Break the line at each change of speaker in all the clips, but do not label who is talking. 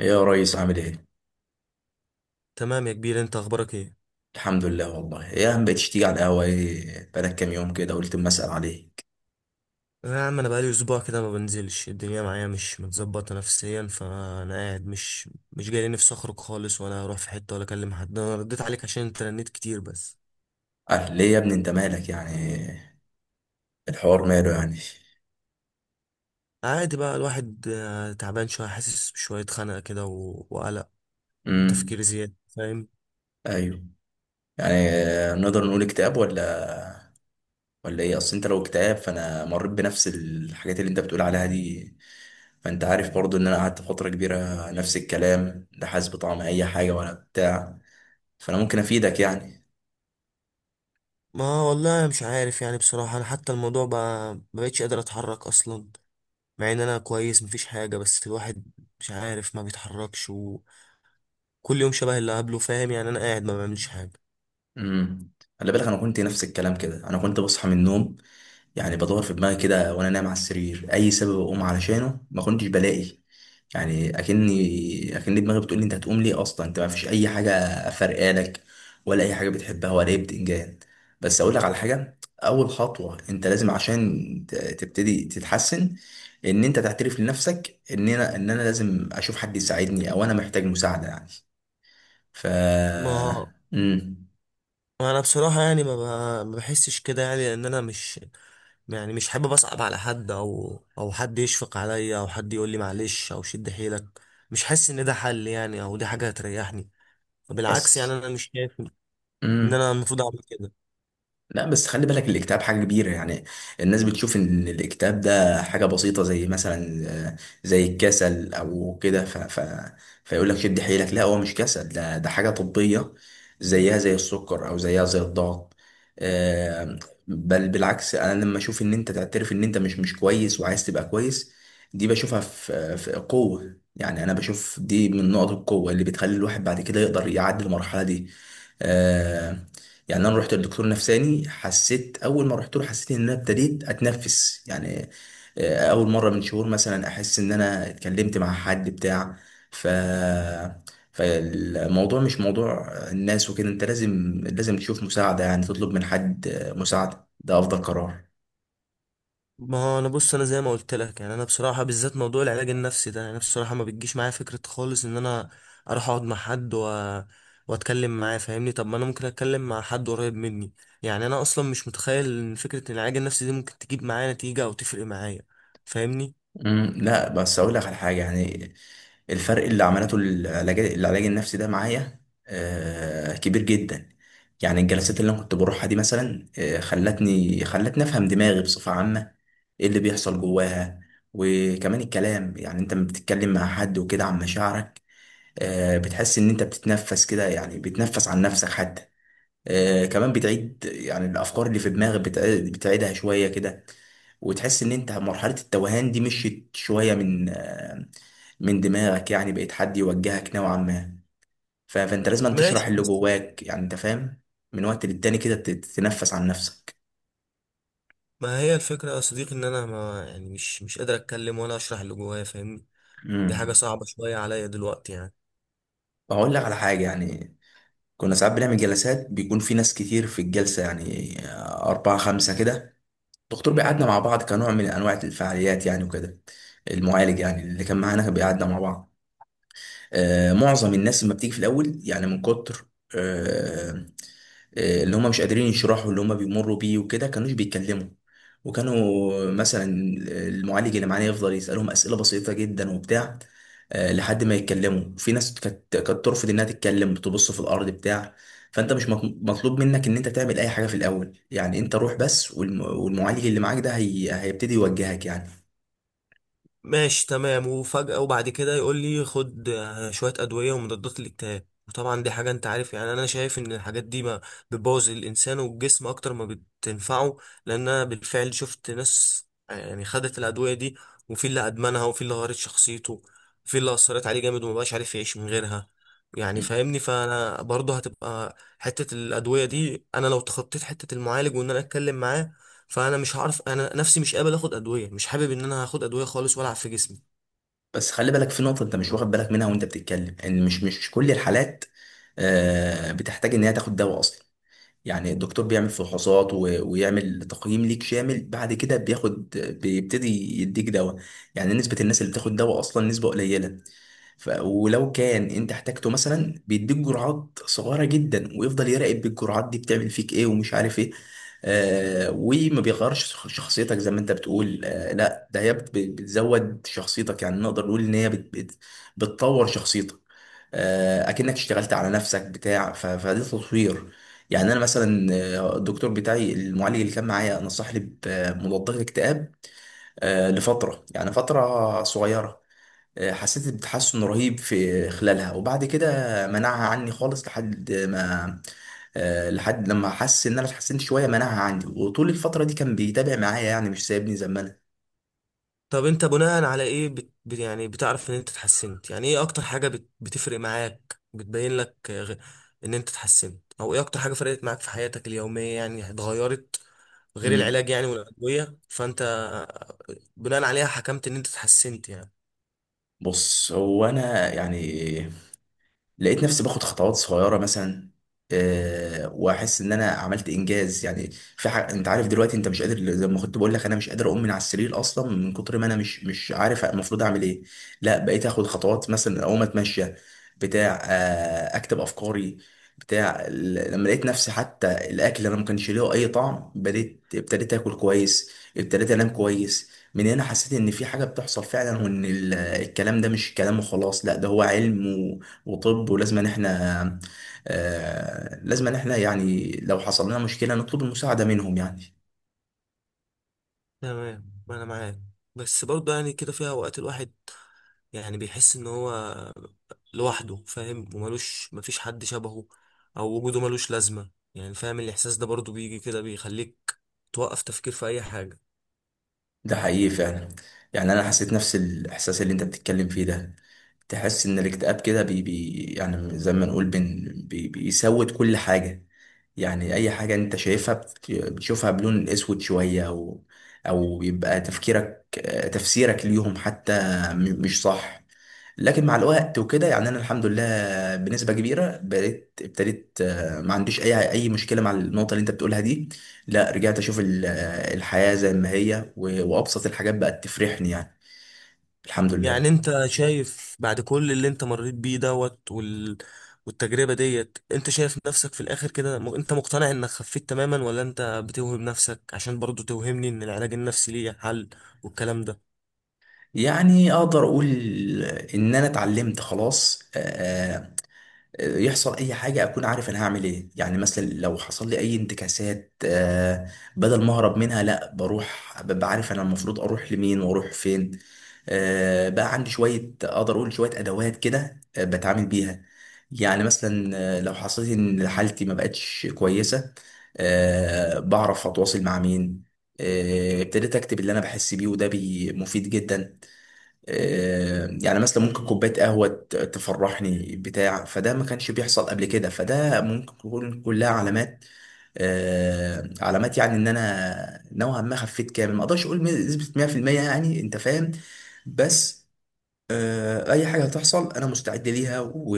يا ريس عامل ايه؟
تمام يا كبير، انت اخبارك ايه؟
الحمد لله والله يا عم بقيتش تيجي على القهوة، ايه بقالك كام يوم كده، قلت اما اسأل عليك.
يا عم انا بقالي اسبوع كده، ما بنزلش الدنيا معايا، مش متظبطه نفسيا، فانا قاعد مش جاي لي نفسي اخرج خالص، ولا اروح في حته، ولا اكلم حد. انا رديت عليك عشان انت رنيت كتير بس.
قال ليه يا ابني، انت مالك يعني؟ الحوار ماله يعني؟
عادي بقى الواحد تعبان شويه، حاسس بشويه خنقه كده وقلق،
امم
تفكير زياده، فاهم؟
ايوه. يعني نقدر نقول اكتئاب ولا؟ ولا ايه؟ اصل انت لو اكتئاب، فانا مريت بنفس الحاجات اللي انت بتقول عليها دي. فانت عارف برضو ان انا قعدت فترة كبيرة نفس الكلام، لا حاسس بطعم اي حاجة ولا بتاع. فانا ممكن افيدك يعني.
ما والله مش عارف يعني، بصراحه انا حتى الموضوع بقى ما بقتش قادر اتحرك اصلا، مع ان انا كويس مفيش حاجه، بس الواحد مش عارف ما بيتحركش، وكل يوم شبه اللي قبله، فاهم يعني؟ انا قاعد ما بعملش حاجه.
امم خلي بالك، انا كنت نفس الكلام كده، انا كنت بصحى من النوم يعني، بدور في دماغي كده وانا نايم على السرير، اي سبب اقوم علشانه ما كنتش بلاقي. يعني اكن دماغي بتقول لي انت هتقوم ليه اصلا، انت ما فيش اي حاجه فارقالك، ولا اي حاجه بتحبها ولا اي بتنجان. بس اقول لك على حاجه، اول خطوه انت لازم عشان تبتدي تتحسن، ان انت تعترف لنفسك ان انا لازم اشوف حد يساعدني، او انا محتاج مساعده يعني. ف
ما
امم
ما انا بصراحه يعني ما بحسش كده يعني، لان انا مش يعني مش حابب اصعب على حد، او حد يشفق عليا، او حد يقول لي معلش او شد حيلك. مش حاسس ان ده حل يعني، او دي حاجه هتريحني. بالعكس، يعني
بس
انا مش شايف ان
امم
انا المفروض اعمل كده.
لا بس خلي بالك، الاكتئاب حاجة كبيرة يعني. الناس بتشوف ان الاكتئاب ده حاجة بسيطة، زي مثلا زي الكسل او كده. فيقول لك شد حيلك. لا، هو مش كسل، ده حاجة طبية، زيها زي السكر او زيها زي الضغط. آه، بل بالعكس، انا لما اشوف ان انت تعترف ان انت مش كويس وعايز تبقى كويس، دي بشوفها في قوة، يعني انا بشوف دي من نقط القوة اللي بتخلي الواحد بعد كده يقدر يعدي المرحلة دي. آه، يعني انا رحت لدكتور نفساني، حسيت اول ما رحت له حسيت ان انا ابتديت اتنفس يعني. اول مره من شهور مثلا احس ان انا اتكلمت مع حد بتاع. ف فالموضوع مش موضوع الناس وكده، انت لازم تشوف مساعده يعني، تطلب من حد مساعده، ده افضل قرار.
ما هو انا بص، انا زي ما قلت لك، يعني انا بصراحه، بالذات موضوع العلاج النفسي ده، يعني انا بصراحه ما بتجيش معايا فكره خالص ان انا اروح اقعد مع حد واتكلم معاه، فاهمني؟ طب ما انا ممكن اتكلم مع حد قريب مني. يعني انا اصلا مش متخيل ان فكره إن العلاج النفسي دي ممكن تجيب معايا نتيجه او تفرق معايا، فاهمني؟
مم، لا بس اقول لك على حاجه يعني. الفرق اللي عملته العلاج النفسي ده معايا كبير جدا. يعني الجلسات اللي انا كنت بروحها دي مثلا خلتني افهم دماغي بصفه عامه، ايه اللي بيحصل جواها. وكمان الكلام، يعني انت لما بتتكلم مع حد وكده عن مشاعرك، بتحس ان انت بتتنفس كده يعني، بتنفس عن نفسك حتى. كمان بتعيد يعني الافكار اللي في دماغك، بتعيدها شويه كده، وتحس ان انت مرحلة التوهان دي مشيت شوية من من دماغك يعني، بقيت حد يوجهك نوعا ما. فانت لازم تشرح
ماشي،
اللي
بس
جواك يعني، انت فاهم، من وقت للتاني كده تتنفس عن نفسك.
ما هي الفكره يا صديقي، ان انا ما يعني مش قادر اتكلم ولا اشرح اللي جوايا، فاهمني؟ دي حاجه
امم
صعبه شويه عليا دلوقتي يعني.
اقول لك على حاجة يعني، كنا ساعات بنعمل جلسات بيكون في ناس كتير في الجلسة، يعني أربعة خمسة كده. الدكتور بيقعدنا مع بعض كنوع من أنواع الفعاليات يعني، وكده المعالج يعني اللي كان معانا بيقعدنا مع بعض. معظم الناس لما بتيجي في الاول، يعني من كتر آه، اللي هم مش قادرين يشرحوا اللي هم بيمروا بيه وكده، كانوش بيتكلموا، وكانوا مثلا المعالج اللي معانا يفضل يسألهم أسئلة بسيطة جدا وبتاع لحد ما يتكلموا. في ناس كانت ترفض انها تتكلم، بتبص في الارض بتاع. فانت مش مطلوب منك ان انت تعمل اي حاجة في الاول يعني، انت روح بس، والمعالج اللي معاك ده هيبتدي يوجهك يعني.
ماشي تمام، وفجأة وبعد كده يقول لي خد شوية أدوية ومضادات الاكتئاب، وطبعا دي حاجة انت عارف يعني، انا شايف ان الحاجات دي ما بتبوظ الانسان والجسم اكتر ما بتنفعه. لان انا بالفعل شفت ناس يعني خدت الأدوية دي، وفي اللي أدمنها، وفي اللي غيرت شخصيته، وفي اللي أثرت عليه جامد ومبقاش عارف يعيش من غيرها، يعني فاهمني. فانا برضه هتبقى حتة الأدوية دي، انا لو تخطيت حتة المعالج وان انا اتكلم معاه، فانا مش هعرف، انا نفسي مش قابل اخد ادويه، مش حابب ان انا هاخد ادويه خالص والعب في جسمي.
بس خلي بالك في نقطة أنت مش واخد بالك منها وأنت بتتكلم، إن مش كل الحالات بتحتاج إن هي تاخد دواء أصلا. يعني الدكتور بيعمل فحوصات ويعمل تقييم ليك شامل، بعد كده بيبتدي يديك دواء. يعني نسبة الناس اللي بتاخد دواء أصلا نسبة قليلة. ولو كان انت احتاجته مثلا بيديك جرعات صغيرة جدا، ويفضل يراقب بالجرعات دي بتعمل فيك ايه ومش عارف ايه. آه، وما بيغيرش شخصيتك زي ما انت بتقول. آه لا، ده هي بتزود شخصيتك، يعني نقدر نقول ان هي بتطور شخصيتك. اكنك اشتغلت على نفسك بتاع. فده تطوير. يعني انا مثلا الدكتور بتاعي المعالج اللي كان معايا نصحني بمضادات اكتئاب لفتره، يعني فتره صغيره. حسيت بتحسن رهيب في خلالها، وبعد كده منعها عني خالص لحد ما آه، لحد لما حس ان انا اتحسنت شويه منعها عندي، وطول الفتره دي كان بيتابع معايا يعني، مش سايبني زي ما انا.
طب انت بناء على ايه يعني بتعرف ان انت اتحسنت؟ يعني ايه اكتر حاجه بتفرق معاك، بتبين لك ان انت اتحسنت؟ او ايه اكتر حاجه فرقت معاك في حياتك اليوميه يعني، اتغيرت، غير
مم.
العلاج يعني والادويه، فانت بناء عليها حكمت ان انت اتحسنت يعني؟
بص، هو انا يعني لقيت نفسي باخد خطوات صغيره مثلا، أه، واحس ان انا عملت انجاز يعني في حاجه. انت عارف دلوقتي انت مش قادر، زي ما كنت بقول لك انا مش قادر اقوم من على السرير اصلا، من كتر ما انا مش عارف المفروض اعمل ايه. لا، بقيت اخد خطوات مثلا اقوم اتمشى بتاع، أه، اكتب افكاري بتاع. لما لقيت نفسي حتى الاكل اللي انا ما كانش ليه اي طعم، ابتديت اكل كويس، ابتديت انام كويس، من هنا حسيت ان في حاجه بتحصل فعلا، وان الكلام ده مش كلام وخلاص، لا ده هو علم. وطب ولازم ان احنا لازم ان احنا يعني لو حصل لنا مشكلة نطلب المساعدة منهم يعني.
تمام، انا معاك، بس برضه يعني كده فيها اوقات الواحد يعني بيحس ان هو لوحده، فاهم؟ وملوش، مفيش حد شبهه، او وجوده ملوش لازمه يعني. فاهم الاحساس ده؟ برضو بيجي كده، بيخليك توقف تفكير في اي حاجه.
ده حقيقي فعلا، يعني انا حسيت نفس الاحساس اللي انت بتتكلم فيه ده. تحس ان الاكتئاب كده بي يعني زي ما نقول بي بيسود كل حاجة. يعني اي حاجة انت شايفها بتشوفها بلون اسود شوية، او او بيبقى تفكيرك، تفسيرك ليهم حتى مش صح. لكن مع الوقت وكده يعني انا الحمد لله بنسبة كبيرة بقيت ابتديت ما عنديش اي مشكلة مع النقطة اللي انت بتقولها دي. لا، رجعت اشوف الحياة زي ما هي، وابسط الحاجات بقت تفرحني يعني. الحمد
يعني
لله.
انت شايف بعد كل اللي انت مريت بيه دوت والتجربه ديت، انت شايف نفسك في الاخر كده، انت مقتنع انك خفيت تماما، ولا انت بتوهم نفسك عشان برضو توهمني ان العلاج النفسي ليه حل والكلام ده؟
يعني اقدر اقول ان انا اتعلمت خلاص. يحصل اي حاجه اكون عارف انا هعمل ايه، يعني مثلا لو حصل لي اي انتكاسات بدل ما اهرب منها، لا بروح، ببقى عارف انا المفروض اروح لمين واروح فين. بقى عندي شويه، اقدر اقول شويه ادوات كده بتعامل بيها. يعني مثلا لو حصلت ان حالتي ما بقتش كويسه، بعرف اتواصل مع مين. ابتديت اكتب اللي انا بحس بيه، وده مفيد جدا. يعني مثلا ممكن كوباية قهوة تفرحني بتاع، فده ما كانش بيحصل قبل كده، فده ممكن تكون كلها علامات، علامات يعني ان انا نوعا ما خفيت. كامل ما اقدرش اقول نسبة 100% يعني، انت فاهم. بس اي حاجة هتحصل انا مستعد ليها،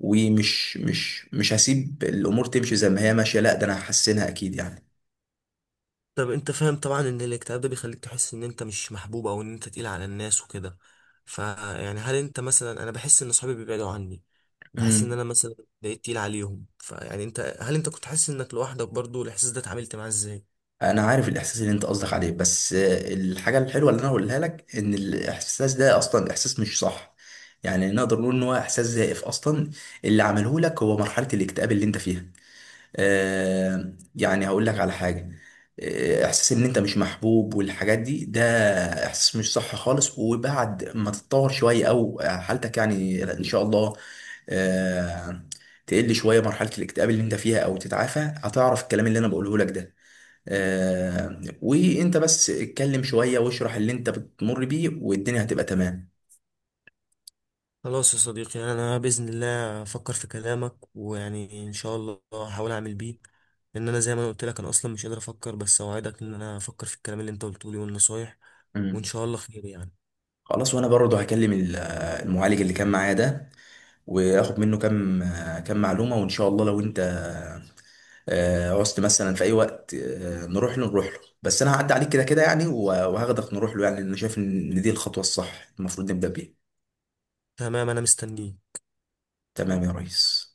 ومش مش هسيب الامور تمشي زي ما هي ماشية، لا ده انا هحسنها اكيد.
طب انت فاهم طبعا ان الاكتئاب ده بيخليك تحس ان انت مش محبوب، او ان انت تقيل على الناس وكده، فيعني هل انت مثلا، انا بحس ان صحابي بيبعدوا عني، بحس ان
يعني
انا مثلا بقيت تقيل عليهم، فيعني انت هل انت كنت حاسس انك لوحدك برضو؟ الاحساس ده اتعاملت معاه ازاي؟
انا عارف الاحساس اللي انت قصدك عليه، بس الحاجه الحلوه اللي انا هقولها لك ان الاحساس ده اصلا احساس مش صح. يعني نقدر نقول ان هو احساس زائف اصلا، اللي عمله لك هو مرحله الاكتئاب اللي انت فيها. آه، يعني هقول لك على حاجه، احساس ان انت مش محبوب والحاجات دي، ده احساس مش صح خالص، وبعد ما تتطور شويه او حالتك يعني ان شاء الله، آه تقل شويه مرحله الاكتئاب اللي انت فيها او تتعافى، هتعرف الكلام اللي انا بقوله لك ده. وانت بس اتكلم شوية واشرح اللي انت بتمر بيه، والدنيا هتبقى تمام.
خلاص يا صديقي، انا باذن الله افكر في كلامك، ويعني ان شاء الله هحاول اعمل بيه، ان انا زي ما انا قلت لك، انا اصلا مش قادر افكر، بس اوعدك ان انا افكر في الكلام اللي انت قلته لي والنصايح، وان
امم
شاء الله خير يعني.
خلاص، وانا برضه هكلم المعالج اللي كان معايا ده، واخد منه كام معلومة، وان شاء الله لو انت عوزت مثلا في اي وقت نروح له، بس انا هعدي عليك كده كده يعني، وهاخدك نروح له يعني، لأن انا شايف ان دي الخطوة الصح المفروض نبدأ بيها.
تمام، انا مستنيك.
تمام يا ريس.